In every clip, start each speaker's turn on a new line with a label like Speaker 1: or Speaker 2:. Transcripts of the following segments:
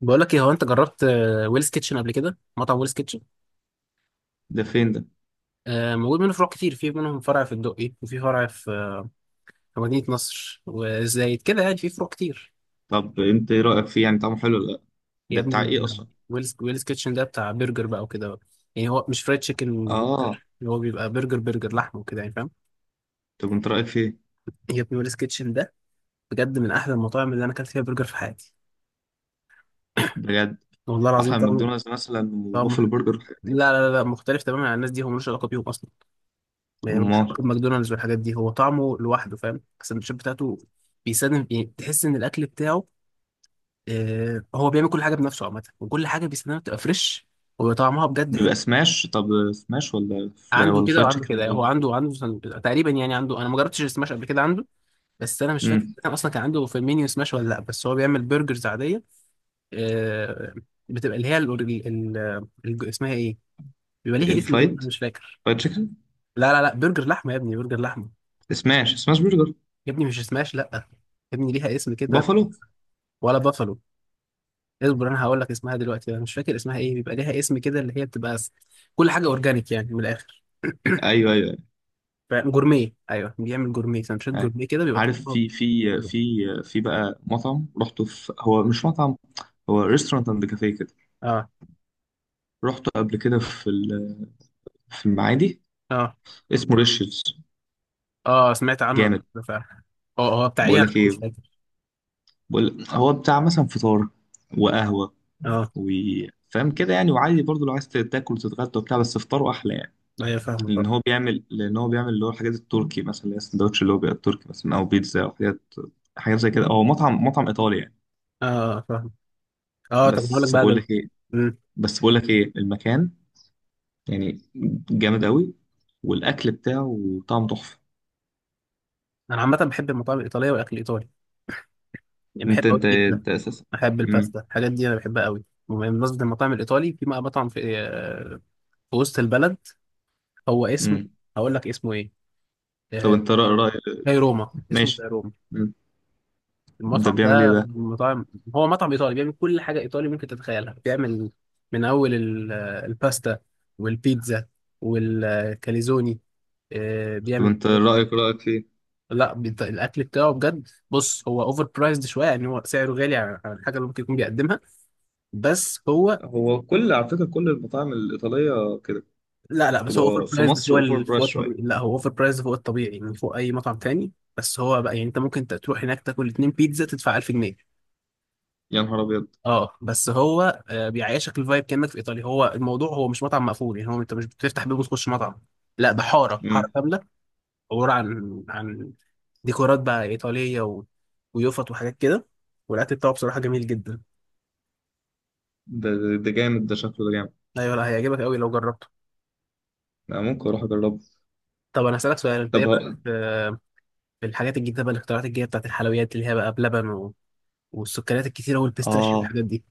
Speaker 1: بقول لك ايه؟ هو انت جربت ويلز كيتشن قبل كده، مطعم ويلز كيتشن؟
Speaker 2: ده فين ده؟
Speaker 1: موجود منه فروع كتير، في منهم فرع في الدقي وفي فرع في مدينة نصر وزايد كده، يعني في فروع كتير.
Speaker 2: طب انت ايه رأيك فيه؟ يعني طعمه حلو ولا لا؟
Speaker 1: يا
Speaker 2: ده بتاع ايه
Speaker 1: ابني،
Speaker 2: اصلا؟
Speaker 1: ويلز كيتشن ده بتاع برجر بقى وكده، يعني هو مش فرايد تشيكن
Speaker 2: اه.
Speaker 1: برجر، اللي هو بيبقى برجر لحمه وكده، يعني فاهم.
Speaker 2: طب انت رأيك فيه؟
Speaker 1: يا ابني، ويلز كيتشن ده بجد من احلى المطاعم اللي انا اكلت فيها برجر في حياتي.
Speaker 2: بجد؟
Speaker 1: والله العظيم
Speaker 2: احلى من
Speaker 1: طعمه،
Speaker 2: ماكدونالدز مثلا
Speaker 1: طعمه،
Speaker 2: وبوفل برجر والحاجات دي؟
Speaker 1: لا لا لا لا، مختلف تماما عن الناس دي، هو ملوش علاقة بيهم اصلا. يعني مش
Speaker 2: امال.
Speaker 1: واخد ماكدونالدز والحاجات دي، هو طعمه لوحده، فاهم؟ السندوتشات بتاعته بيساندم، يعني تحس ان الاكل بتاعه، آه، هو بيعمل كل حاجه بنفسه عامه، وكل حاجه بيساندها بتبقى فريش، وطعمها بجد حلو.
Speaker 2: بيبقى سماش طب؟ سماش ولا فراي
Speaker 1: عنده
Speaker 2: ولا
Speaker 1: كده
Speaker 2: فرايد
Speaker 1: وعنده
Speaker 2: تشيكن
Speaker 1: كده،
Speaker 2: ولا
Speaker 1: يعني هو
Speaker 2: ايه؟
Speaker 1: عنده تقريبا، يعني عنده، انا ما جربتش السماش قبل كده عنده، بس انا مش فاكر
Speaker 2: امم
Speaker 1: كان اصلا كان عنده في المنيو سماش ولا لا، بس هو بيعمل برجرز عاديه. آه بتبقى اللي هي ال ال ال اسمها ايه؟ بيبقى ليها اسم كده،
Speaker 2: الفرايد.
Speaker 1: أنا مش فاكر.
Speaker 2: فرايد تشيكن.
Speaker 1: لا لا لا، برجر لحمه يا ابني، برجر لحمه.
Speaker 2: سماش برجر.
Speaker 1: يا ابني مش سماش، لا يا ابني، ليها اسم كده.
Speaker 2: بافالو؟
Speaker 1: ولا بافالو. اصبر، انا هقول لك اسمها دلوقتي، انا مش فاكر اسمها ايه، بيبقى ليها اسم كده، اللي هي بتبقى كل حاجه اورجانيك، يعني من الاخر.
Speaker 2: ايوه، ايوه، ايوه.
Speaker 1: جورميه، ايوه بيعمل جورميه، سندوتشات
Speaker 2: أيوة.
Speaker 1: جورميه كده، بيبقى
Speaker 2: عارف،
Speaker 1: طبقها
Speaker 2: في في
Speaker 1: حلو.
Speaker 2: في في بقى مطعم رحته، هو مش مطعم، هو ريستورانت اند كافيه كده.
Speaker 1: اه،
Speaker 2: رحته قبل كده في في المعادي.
Speaker 1: اه،
Speaker 2: اسمه ريشز.
Speaker 1: اه سمعت عنه قبل
Speaker 2: جامد.
Speaker 1: كده فعلا. اه هو بتاع ايه؟
Speaker 2: بقول
Speaker 1: عشان
Speaker 2: لك
Speaker 1: مش
Speaker 2: ايه،
Speaker 1: فاكر.
Speaker 2: بقول هو بتاع مثلا فطار وقهوة
Speaker 1: اه،
Speaker 2: وفاهم كده يعني. وعادي برضو لو عايز تاكل وتتغدى وبتاع، بس فطاره أحلى يعني.
Speaker 1: ايوه فاهمه
Speaker 2: لأن
Speaker 1: طبعا.
Speaker 2: هو بيعمل لأن هو بيعمل اللي هو الحاجات التركي مثلا، اللي هي السندوتش اللي هو بيبقى التركي، مثلا أو بيتزا أو حاجات زي كده. هو مطعم إيطالي يعني.
Speaker 1: اه فاهم. اه، طب هقول لك
Speaker 2: بس
Speaker 1: بقى
Speaker 2: بقول
Speaker 1: ده.
Speaker 2: لك إيه
Speaker 1: مم.
Speaker 2: بس بقول لك إيه المكان، يعني جامد قوي، والأكل بتاعه طعم تحفة.
Speaker 1: انا عامه بحب المطاعم الايطاليه والاكل الايطالي، يعني بحب
Speaker 2: أنت
Speaker 1: قوي
Speaker 2: أنت
Speaker 1: البيتزا،
Speaker 2: أنت أساسا.
Speaker 1: بحب
Speaker 2: مم.
Speaker 1: الباستا، الحاجات دي انا بحبها قوي. وبمناسبه المطاعم الايطالي، في بقى مطعم في وسط البلد، هو اسمه،
Speaker 2: مم.
Speaker 1: هقول لك اسمه ايه.
Speaker 2: طب
Speaker 1: آه،
Speaker 2: أنت رأي.
Speaker 1: زي روما، اسمه زي
Speaker 2: ماشي.
Speaker 1: روما.
Speaker 2: مم. ده
Speaker 1: المطعم
Speaker 2: بيعمل إيه
Speaker 1: ده
Speaker 2: ده؟
Speaker 1: من مطاعم، هو مطعم ايطالي، بيعمل كل حاجه ايطالي ممكن تتخيلها. بيعمل من اول الباستا والبيتزا والكاليزوني.
Speaker 2: طب
Speaker 1: بيعمل
Speaker 2: أنت
Speaker 1: إيه؟
Speaker 2: رأيك فيه؟
Speaker 1: لا الاكل بتاعه بجد، بص هو اوفر برايزد شويه، يعني هو سعره غالي عن الحاجه اللي ممكن يكون بيقدمها. بس هو،
Speaker 2: هو كل، على فكرة، كل المطاعم الإيطالية كده.
Speaker 1: لا لا، بس هو اوفر
Speaker 2: تبقى في
Speaker 1: برايزد
Speaker 2: مصر
Speaker 1: فوق
Speaker 2: أوفر برايس
Speaker 1: فوق الطبيعي.
Speaker 2: شوية.
Speaker 1: لا، هو اوفر برايزد فوق الطبيعي، يعني فوق اي مطعم تاني. بس هو بقى، يعني انت ممكن تروح هناك تاكل اتنين بيتزا تدفع 1000 جنيه.
Speaker 2: يا نهار أبيض!
Speaker 1: اه بس هو بيعيشك الفايب كانك في ايطاليا. هو الموضوع، هو مش مطعم مقفول، يعني هو انت مش بتفتح باب وتخش مطعم، لا ده حاره حاره
Speaker 2: مم.
Speaker 1: كامله، عباره عن ديكورات بقى ايطاليه و... ويوفط وحاجات كده، والاكل بتاعه بصراحه جميل جدا.
Speaker 2: ده جامد، ده شكله ده جامد.
Speaker 1: ايوه لا، هيعجبك قوي لو جربته.
Speaker 2: أنا ممكن أروح أجربه.
Speaker 1: طب انا هسالك سؤال، انت
Speaker 2: طب
Speaker 1: ايه رايك
Speaker 2: ه-
Speaker 1: في الحاجات الجديده بقى، الاختراعات الجديده بتاعت الحلويات، اللي هي بقى بلبن و... والسكريات الكتيره والبيستاشيو
Speaker 2: اه،
Speaker 1: والحاجات دي؟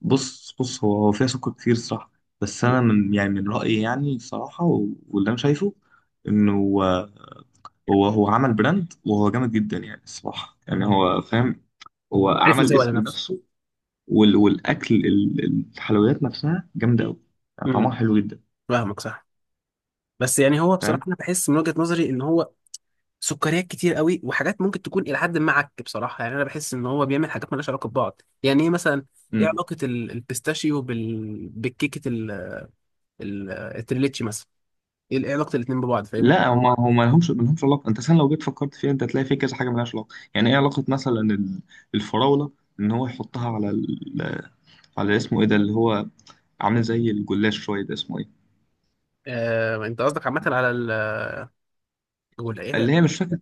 Speaker 2: بص، بص هو فيها سكر كتير صراحة. بس انا، من رأيي، يعني صراحة، واللي انا شايفه انه هو، هو عمل براند وهو جامد جدا يعني الصراحة، يعني هو فاهم. هو
Speaker 1: عارف
Speaker 2: عمل
Speaker 1: يسوق على
Speaker 2: اسم
Speaker 1: نفسه.
Speaker 2: لنفسه. والاكل، الحلويات نفسها جامدة قوي، يعني
Speaker 1: امم
Speaker 2: طعمها حلو جدا.
Speaker 1: فاهمك صح. بس يعني هو بصراحه،
Speaker 2: فاهم.
Speaker 1: انا بحس من وجهه نظري ان هو سكريات كتير قوي، وحاجات ممكن تكون الى حد ما عك بصراحه. يعني انا بحس ان هو بيعمل حاجات مالهاش علاقه ببعض، يعني ايه مثلا؟ ايه علاقه البيستاشيو بالكيكه التريليتشي مثلا؟ إيه علاقه الاتنين ببعض، فاهمني؟
Speaker 2: لا، هما ملهمش علاقه. انت اصلا لو جيت فكرت فيها انت هتلاقي في كذا حاجه ملهاش علاقه، يعني ايه علاقه مثلا الفراوله ان هو يحطها على ال... على اسمه ايه ده، اللي هو عامل زي الجلاش شويه، ده اسمه ايه؟
Speaker 1: انت قصدك عامه على الجلاش، ايه ده؟
Speaker 2: اللي هي مش فاكر.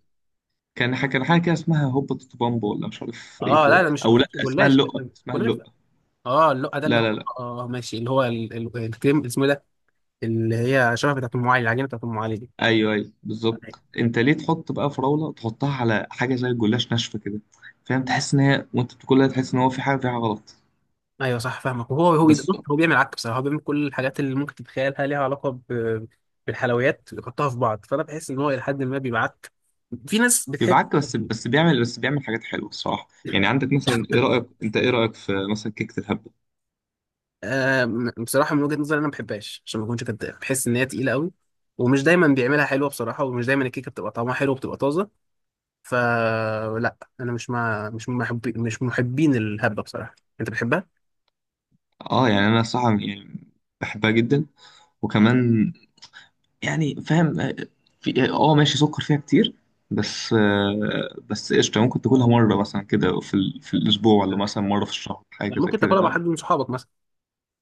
Speaker 2: كان حاجه كده اسمها هوبا تيتو بامبا ولا مش عارف ايه
Speaker 1: اه، لا
Speaker 2: كده،
Speaker 1: لا، مش ما
Speaker 2: او لا
Speaker 1: كانش
Speaker 2: اسمها
Speaker 1: جلاش، ده
Speaker 2: اللقه
Speaker 1: كان
Speaker 2: اسمها
Speaker 1: كنافه.
Speaker 2: اللقه
Speaker 1: اه اللقه ده، اللي
Speaker 2: لا، لا،
Speaker 1: هو
Speaker 2: لا.
Speaker 1: اه ماشي، اللي هو الكريم اسمه إيه ده، اللي هي شبه بتاعت ام علي، العجينه بتاعت ام علي دي.
Speaker 2: ايوه، ايوه، بالظبط. انت ليه تحط بقى فراوله تحطها على حاجه زي الجلاش ناشفه كده؟ فاهم، تحس ان هي وانت بتاكلها تحس ان هو في حاجه فيها غلط.
Speaker 1: ايوه صح فاهمك. وهو
Speaker 2: بس
Speaker 1: بص، هو بيعمل عك بصراحه. هو بيعمل كل الحاجات اللي ممكن تتخيلها ليها علاقه بالحلويات، يحطها في بعض، فانا بحس ان هو الى حد ما بيبعت، في ناس بتحب.
Speaker 2: بيبعك، بس بيعمل حاجات حلوه الصراحه. يعني عندك مثلا، ايه رايك انت ايه رايك في مثلا كيكه الهبه.
Speaker 1: آه بصراحه من وجهه نظري، انا ما بحبهاش عشان ما اكونش كداب، بحس ان هي تقيله قوي، ومش دايما بيعملها حلوه بصراحه، ومش دايما الكيكه بتبقى طعمها حلو وبتبقى طازه. فلا، انا مش من محبين الهبه بصراحه. انت بتحبها؟
Speaker 2: اه، يعني انا الصراحه يعني بحبها جدا. وكمان، يعني فاهم. في، ماشي سكر فيها كتير، بس قشطه ممكن تاكلها مره مثلا كده، في الاسبوع ولا
Speaker 1: مم.
Speaker 2: مثلا مره في الشهر، حاجه زي
Speaker 1: ممكن
Speaker 2: كده
Speaker 1: تاكلها مع
Speaker 2: فاهم؟
Speaker 1: حد من صحابك مثلا.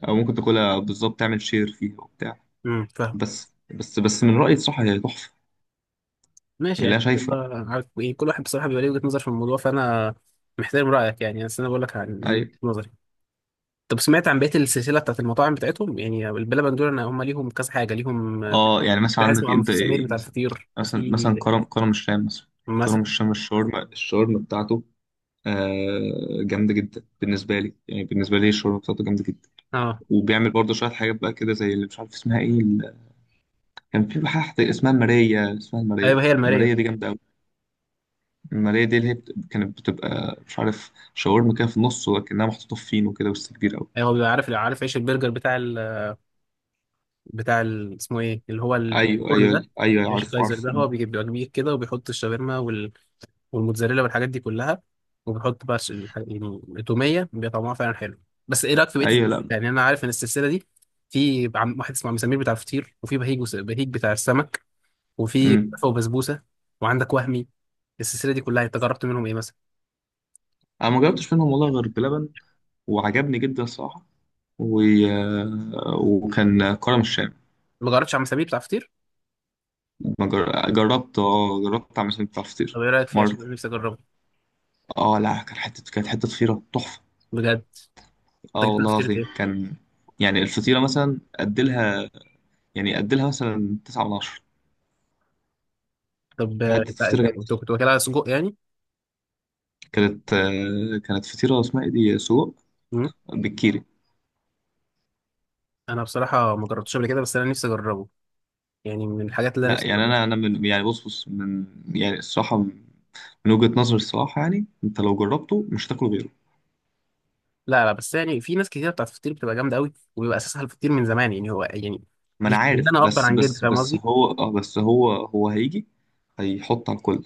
Speaker 2: او ممكن تاكلها بالظبط، تعمل شير فيها وبتاع.
Speaker 1: فاهم.
Speaker 2: بس من رايي الصراحه هي تحفه،
Speaker 1: ماشي
Speaker 2: يعني.
Speaker 1: يعني.
Speaker 2: لا شايفه.
Speaker 1: عارف إيه، كل واحد بصراحة بيبقى ليه وجهة نظر في الموضوع، فأنا محترم رأيك يعني، بس أنا بقول لك عن وجهة
Speaker 2: ايوه.
Speaker 1: نظري. طب سمعت عن بقية السلسلة بتاعت المطاعم بتاعتهم، يعني البلبن دول؟ أنا هم ليهم كذا حاجة ليهم،
Speaker 2: اه، يعني مثلا
Speaker 1: في حاجة
Speaker 2: عندك
Speaker 1: اسمه عم
Speaker 2: انت
Speaker 1: سمير
Speaker 2: ايه
Speaker 1: بتاع
Speaker 2: مثلا
Speaker 1: الفطير،
Speaker 2: مثلا مثلا
Speaker 1: وفي،
Speaker 2: كرم الشام مثلا. كرم
Speaker 1: مثلا.
Speaker 2: الشام الشاورما بتاعته آه جامده جدا بالنسبه لي. يعني بالنسبه لي الشاورما بتاعته جامده جدا.
Speaker 1: اه.
Speaker 2: وبيعمل برضه شويه حاجات بقى كده زي اللي مش عارف اسمها ايه، كان في حاجه اسمها الماريه
Speaker 1: أيوه هي المارية.
Speaker 2: الماريه دي جامده قوي. الماريه دي اللي هي كانت بتبقى مش عارف شاورما كده في النص ولكنها محطوطه في فينو كده، بس كبير قوي.
Speaker 1: أيوه، هو بيبقى عارف عيش البرجر اسمه إيه، اللي هو
Speaker 2: ايوه،
Speaker 1: الفرن ده،
Speaker 2: ايوه، ايوه.
Speaker 1: عيش
Speaker 2: عارف،
Speaker 1: الكايزر
Speaker 2: عارف.
Speaker 1: ده. هو بيبقى كبير كده، وبيحط الشاورما والموتزاريلا والحاجات دي كلها، وبيحط بقى يعني التوميه، بيبقى طعمها فعلا حلو. بس ايه رايك في بقيه
Speaker 2: ايوه. لا.
Speaker 1: يعني انا عارف ان السلسله دي، في واحد اسمه عم سمير بتاع الفطير، وفي بهيج بتاع السمك، وفي
Speaker 2: امم.
Speaker 1: كنافه وبسبوسه، وعندك وهمي. السلسله دي كلها انت جربت منهم ايه مثلا؟
Speaker 2: انا ما جربتش منهم والله غير بلبن، وعجبني جدا الصراحه. و... وكان كرم الشام.
Speaker 1: ما جربتش عم سمير بتاع الفطير.
Speaker 2: ما جر- جربت اعمل سمك بتاع الفطير
Speaker 1: طب ايه رايك فيه
Speaker 2: مره.
Speaker 1: عشان أنا نفسي اجربه؟
Speaker 2: اه، لا، كانت حته فطيره تحفه.
Speaker 1: بجد؟ انت
Speaker 2: اه
Speaker 1: جبت له
Speaker 2: والله
Speaker 1: فطيره
Speaker 2: العظيم
Speaker 1: ايه؟
Speaker 2: كان، يعني الفطيره مثلا اديلها، اديلها مثلا 9 من 10.
Speaker 1: طب
Speaker 2: حته
Speaker 1: انت
Speaker 2: فطيره
Speaker 1: أنت
Speaker 2: جامده.
Speaker 1: كنت واكلها سجق يعني؟
Speaker 2: كانت فطيره اسمها ايه دي، سجق
Speaker 1: مم.
Speaker 2: بالكيري.
Speaker 1: انا بصراحه ما جربتش قبل كده، بس انا نفسي اجربه، يعني من الحاجات اللي انا
Speaker 2: لا
Speaker 1: نفسي.
Speaker 2: يعني انا من، يعني، بص من، يعني الصراحه، من وجهه نظري الصراحه، يعني انت لو جربته مش هتاكل غيره.
Speaker 1: لا لا، بس يعني في ناس كتير بتاعت الفطير بتبقى جامده قوي، وبيبقى اساسها الفطير من زمان، يعني هو يعني
Speaker 2: ما
Speaker 1: مش
Speaker 2: انا
Speaker 1: مش إن
Speaker 2: عارف،
Speaker 1: انا اكبر
Speaker 2: بس
Speaker 1: عن جد،
Speaker 2: بس
Speaker 1: فاهم
Speaker 2: بس
Speaker 1: قصدي؟
Speaker 2: هو اه بس هو هو هيجي هيحط على الكل.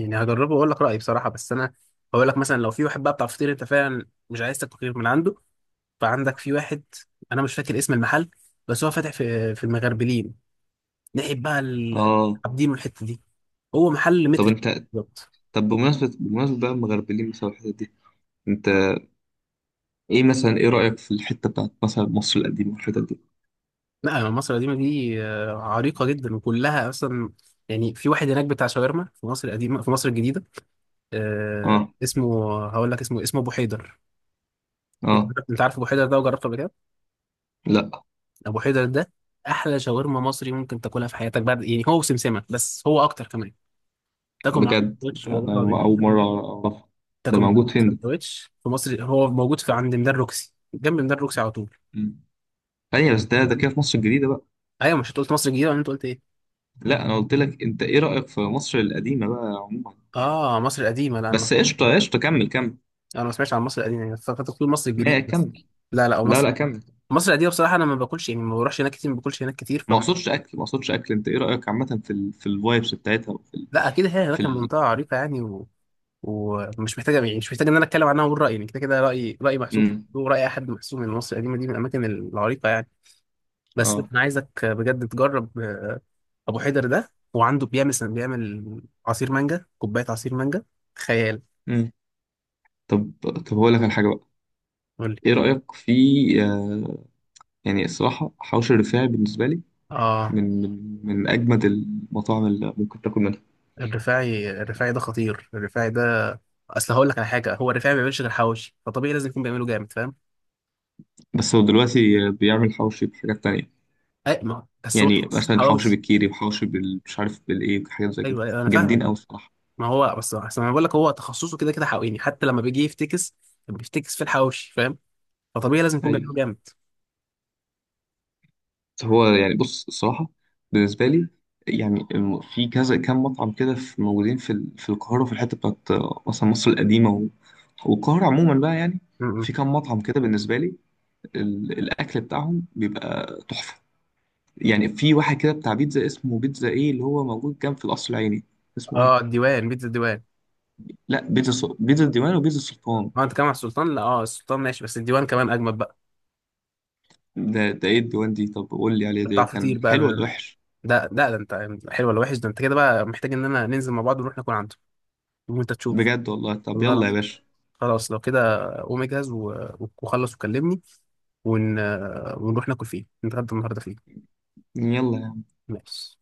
Speaker 1: يعني هجربه واقول لك رايي بصراحه. بس انا هقول لك مثلا، لو في واحد بقى بتاع فطير انت فعلا مش عايز تاكل غير من عنده، فعندك في واحد، انا مش فاكر اسم المحل، بس هو فاتح في المغربلين، ناحيه بقى
Speaker 2: اه.
Speaker 1: عابدين والحته دي. هو محل
Speaker 2: طب
Speaker 1: متر
Speaker 2: انت.
Speaker 1: بالظبط.
Speaker 2: طب بمناسبة بقى المغربلين مثلا الحتت دي، انت ايه رأيك في الحتة بتاعت مثلا مصر القديمة والحتت دي؟
Speaker 1: لا، يعني مصر القديمه دي عريقه جدا وكلها اصلا، يعني في واحد هناك بتاع شاورما في مصر القديمه، في مصر الجديده،
Speaker 2: اه.
Speaker 1: اسمه، هقول لك اسمه ابو حيدر. انت
Speaker 2: اه.
Speaker 1: عارف أنت عارف ابو حيدر ده وجربته قبل كده؟
Speaker 2: لا.
Speaker 1: ابو حيدر ده احلى شاورما مصري ممكن تاكلها في حياتك، بعد يعني هو وسمسمه، بس هو اكتر كمان. تاكل معاه
Speaker 2: بجد،
Speaker 1: سندوتش،
Speaker 2: ده
Speaker 1: والله
Speaker 2: انا
Speaker 1: العظيم
Speaker 2: اول
Speaker 1: تاكل
Speaker 2: مرة اعرفها. ده
Speaker 1: تاكل معاه
Speaker 2: موجود فين ده؟
Speaker 1: سندوتش في مصر. هو موجود في عند ميدان روكسي، جنب ميدان روكسي على طول.
Speaker 2: مم. ثانية بس، ده كده في مصر الجديدة بقى؟
Speaker 1: ايوه، مش انت قلت مصر الجديده، ولا انت قلت ايه؟
Speaker 2: لا، انا قلت لك انت ايه رأيك في مصر القديمة بقى عموما يعني.
Speaker 1: اه مصر القديمه، لا انا ما
Speaker 2: بس قشطة، قشطة، كمل، كمل.
Speaker 1: انا ما سمعتش عن مصر القديمه، يعني فكرت تقول مصر
Speaker 2: ما
Speaker 1: الجديده بس.
Speaker 2: كمل.
Speaker 1: لا لا، أو
Speaker 2: لا،
Speaker 1: مصر
Speaker 2: لا، كمل.
Speaker 1: مصر القديمه بصراحه انا ما باكلش، يعني ما بروحش هناك كتير، ما باكلش هناك كتير
Speaker 2: ما اقصدش اكل ما اقصدش اكل انت ايه رايك عامه في ال... في الفايبس بتاعتها، وفي ال...
Speaker 1: لا اكيد هي
Speaker 2: في
Speaker 1: هناك،
Speaker 2: ال...
Speaker 1: المنطقه عريقه يعني، ومش محتاجه، يعني مش محتاج ان انا اتكلم عنها واقول رايي، يعني كده كده رايي، رايي محسوب،
Speaker 2: مم.
Speaker 1: وراي اي حد محسوب من مصر القديمه دي، من الاماكن العريقه يعني. بس
Speaker 2: اه،
Speaker 1: انا عايزك بجد تجرب ابو حيدر ده، وعنده بيعمل عصير مانجا، كوبايه عصير مانجا خيال.
Speaker 2: مم. طب طب هقول لك على حاجه بقى،
Speaker 1: قول لي.
Speaker 2: ايه رايك في آه... يعني الصراحه، حوش الرفاعي بالنسبه لي
Speaker 1: اه
Speaker 2: من اجمد المطاعم اللي ممكن تاكل منها.
Speaker 1: الرفاعي ده خطير، الرفاعي ده اصل هقول لك على حاجه، هو الرفاعي ما بيعملش غير حواوشي، فطبيعي لازم يكون بيعمله جامد، فاهم.
Speaker 2: بس هو دلوقتي بيعمل حوشي بحاجات تانية،
Speaker 1: اي ما بس، هو
Speaker 2: يعني
Speaker 1: تخصص
Speaker 2: مثلا حوشي
Speaker 1: حواوشي.
Speaker 2: بالكيري وحوشي مش عارف بالايه، وحاجات زي كده
Speaker 1: ايوه أيوة، انا فاهمك.
Speaker 2: جامدين قوي الصراحه.
Speaker 1: ما هو بس انا بقول لك هو تخصصه كده كده حقيقي، حتى لما بيجي يفتكس بيفتكس في الحواوشي، فاهم؟ فطبيعي لازم يكون بيعمله
Speaker 2: ايوه.
Speaker 1: جامد.
Speaker 2: هو يعني، بص الصراحة، بالنسبة لي، يعني في كذا كام مطعم كده، في موجودين في القاهرة، وفي الحتة بتاعت مثلا مصر القديمة والقاهرة عموما بقى، يعني
Speaker 1: م- م.
Speaker 2: في كام مطعم كده بالنسبة لي، الأكل بتاعهم بيبقى تحفة. يعني في واحد كده بتاع بيتزا اسمه بيتزا إيه اللي هو موجود جنب في القصر العيني، اسمه إيه؟
Speaker 1: اه الديوان، بيتزا الديوان.
Speaker 2: لا، بيتزا الديوان وبيتزا السلطان.
Speaker 1: اه انت كمان على السلطان؟ لا، اه السلطان ماشي، بس الديوان كمان اجمد بقى،
Speaker 2: ده، ده إيه الديوان دي؟ طب قول لي عليه، ده
Speaker 1: بتاع فطير
Speaker 2: كان
Speaker 1: بقى
Speaker 2: حلو ولا وحش؟
Speaker 1: ده. لا ده، انت حلو ولا وحش ده؟ انت كده بقى محتاج ان انا ننزل مع بعض ونروح ناكل عنده، وانت تشوف.
Speaker 2: بجد والله. طب
Speaker 1: والله
Speaker 2: يلا يا
Speaker 1: العظيم،
Speaker 2: باشا.
Speaker 1: خلاص لو كده، قوم اجهز وخلص وكلمني، ون... ونروح ناكل فيه، نتغدى النهارده فيه.
Speaker 2: يلا.
Speaker 1: ماشي.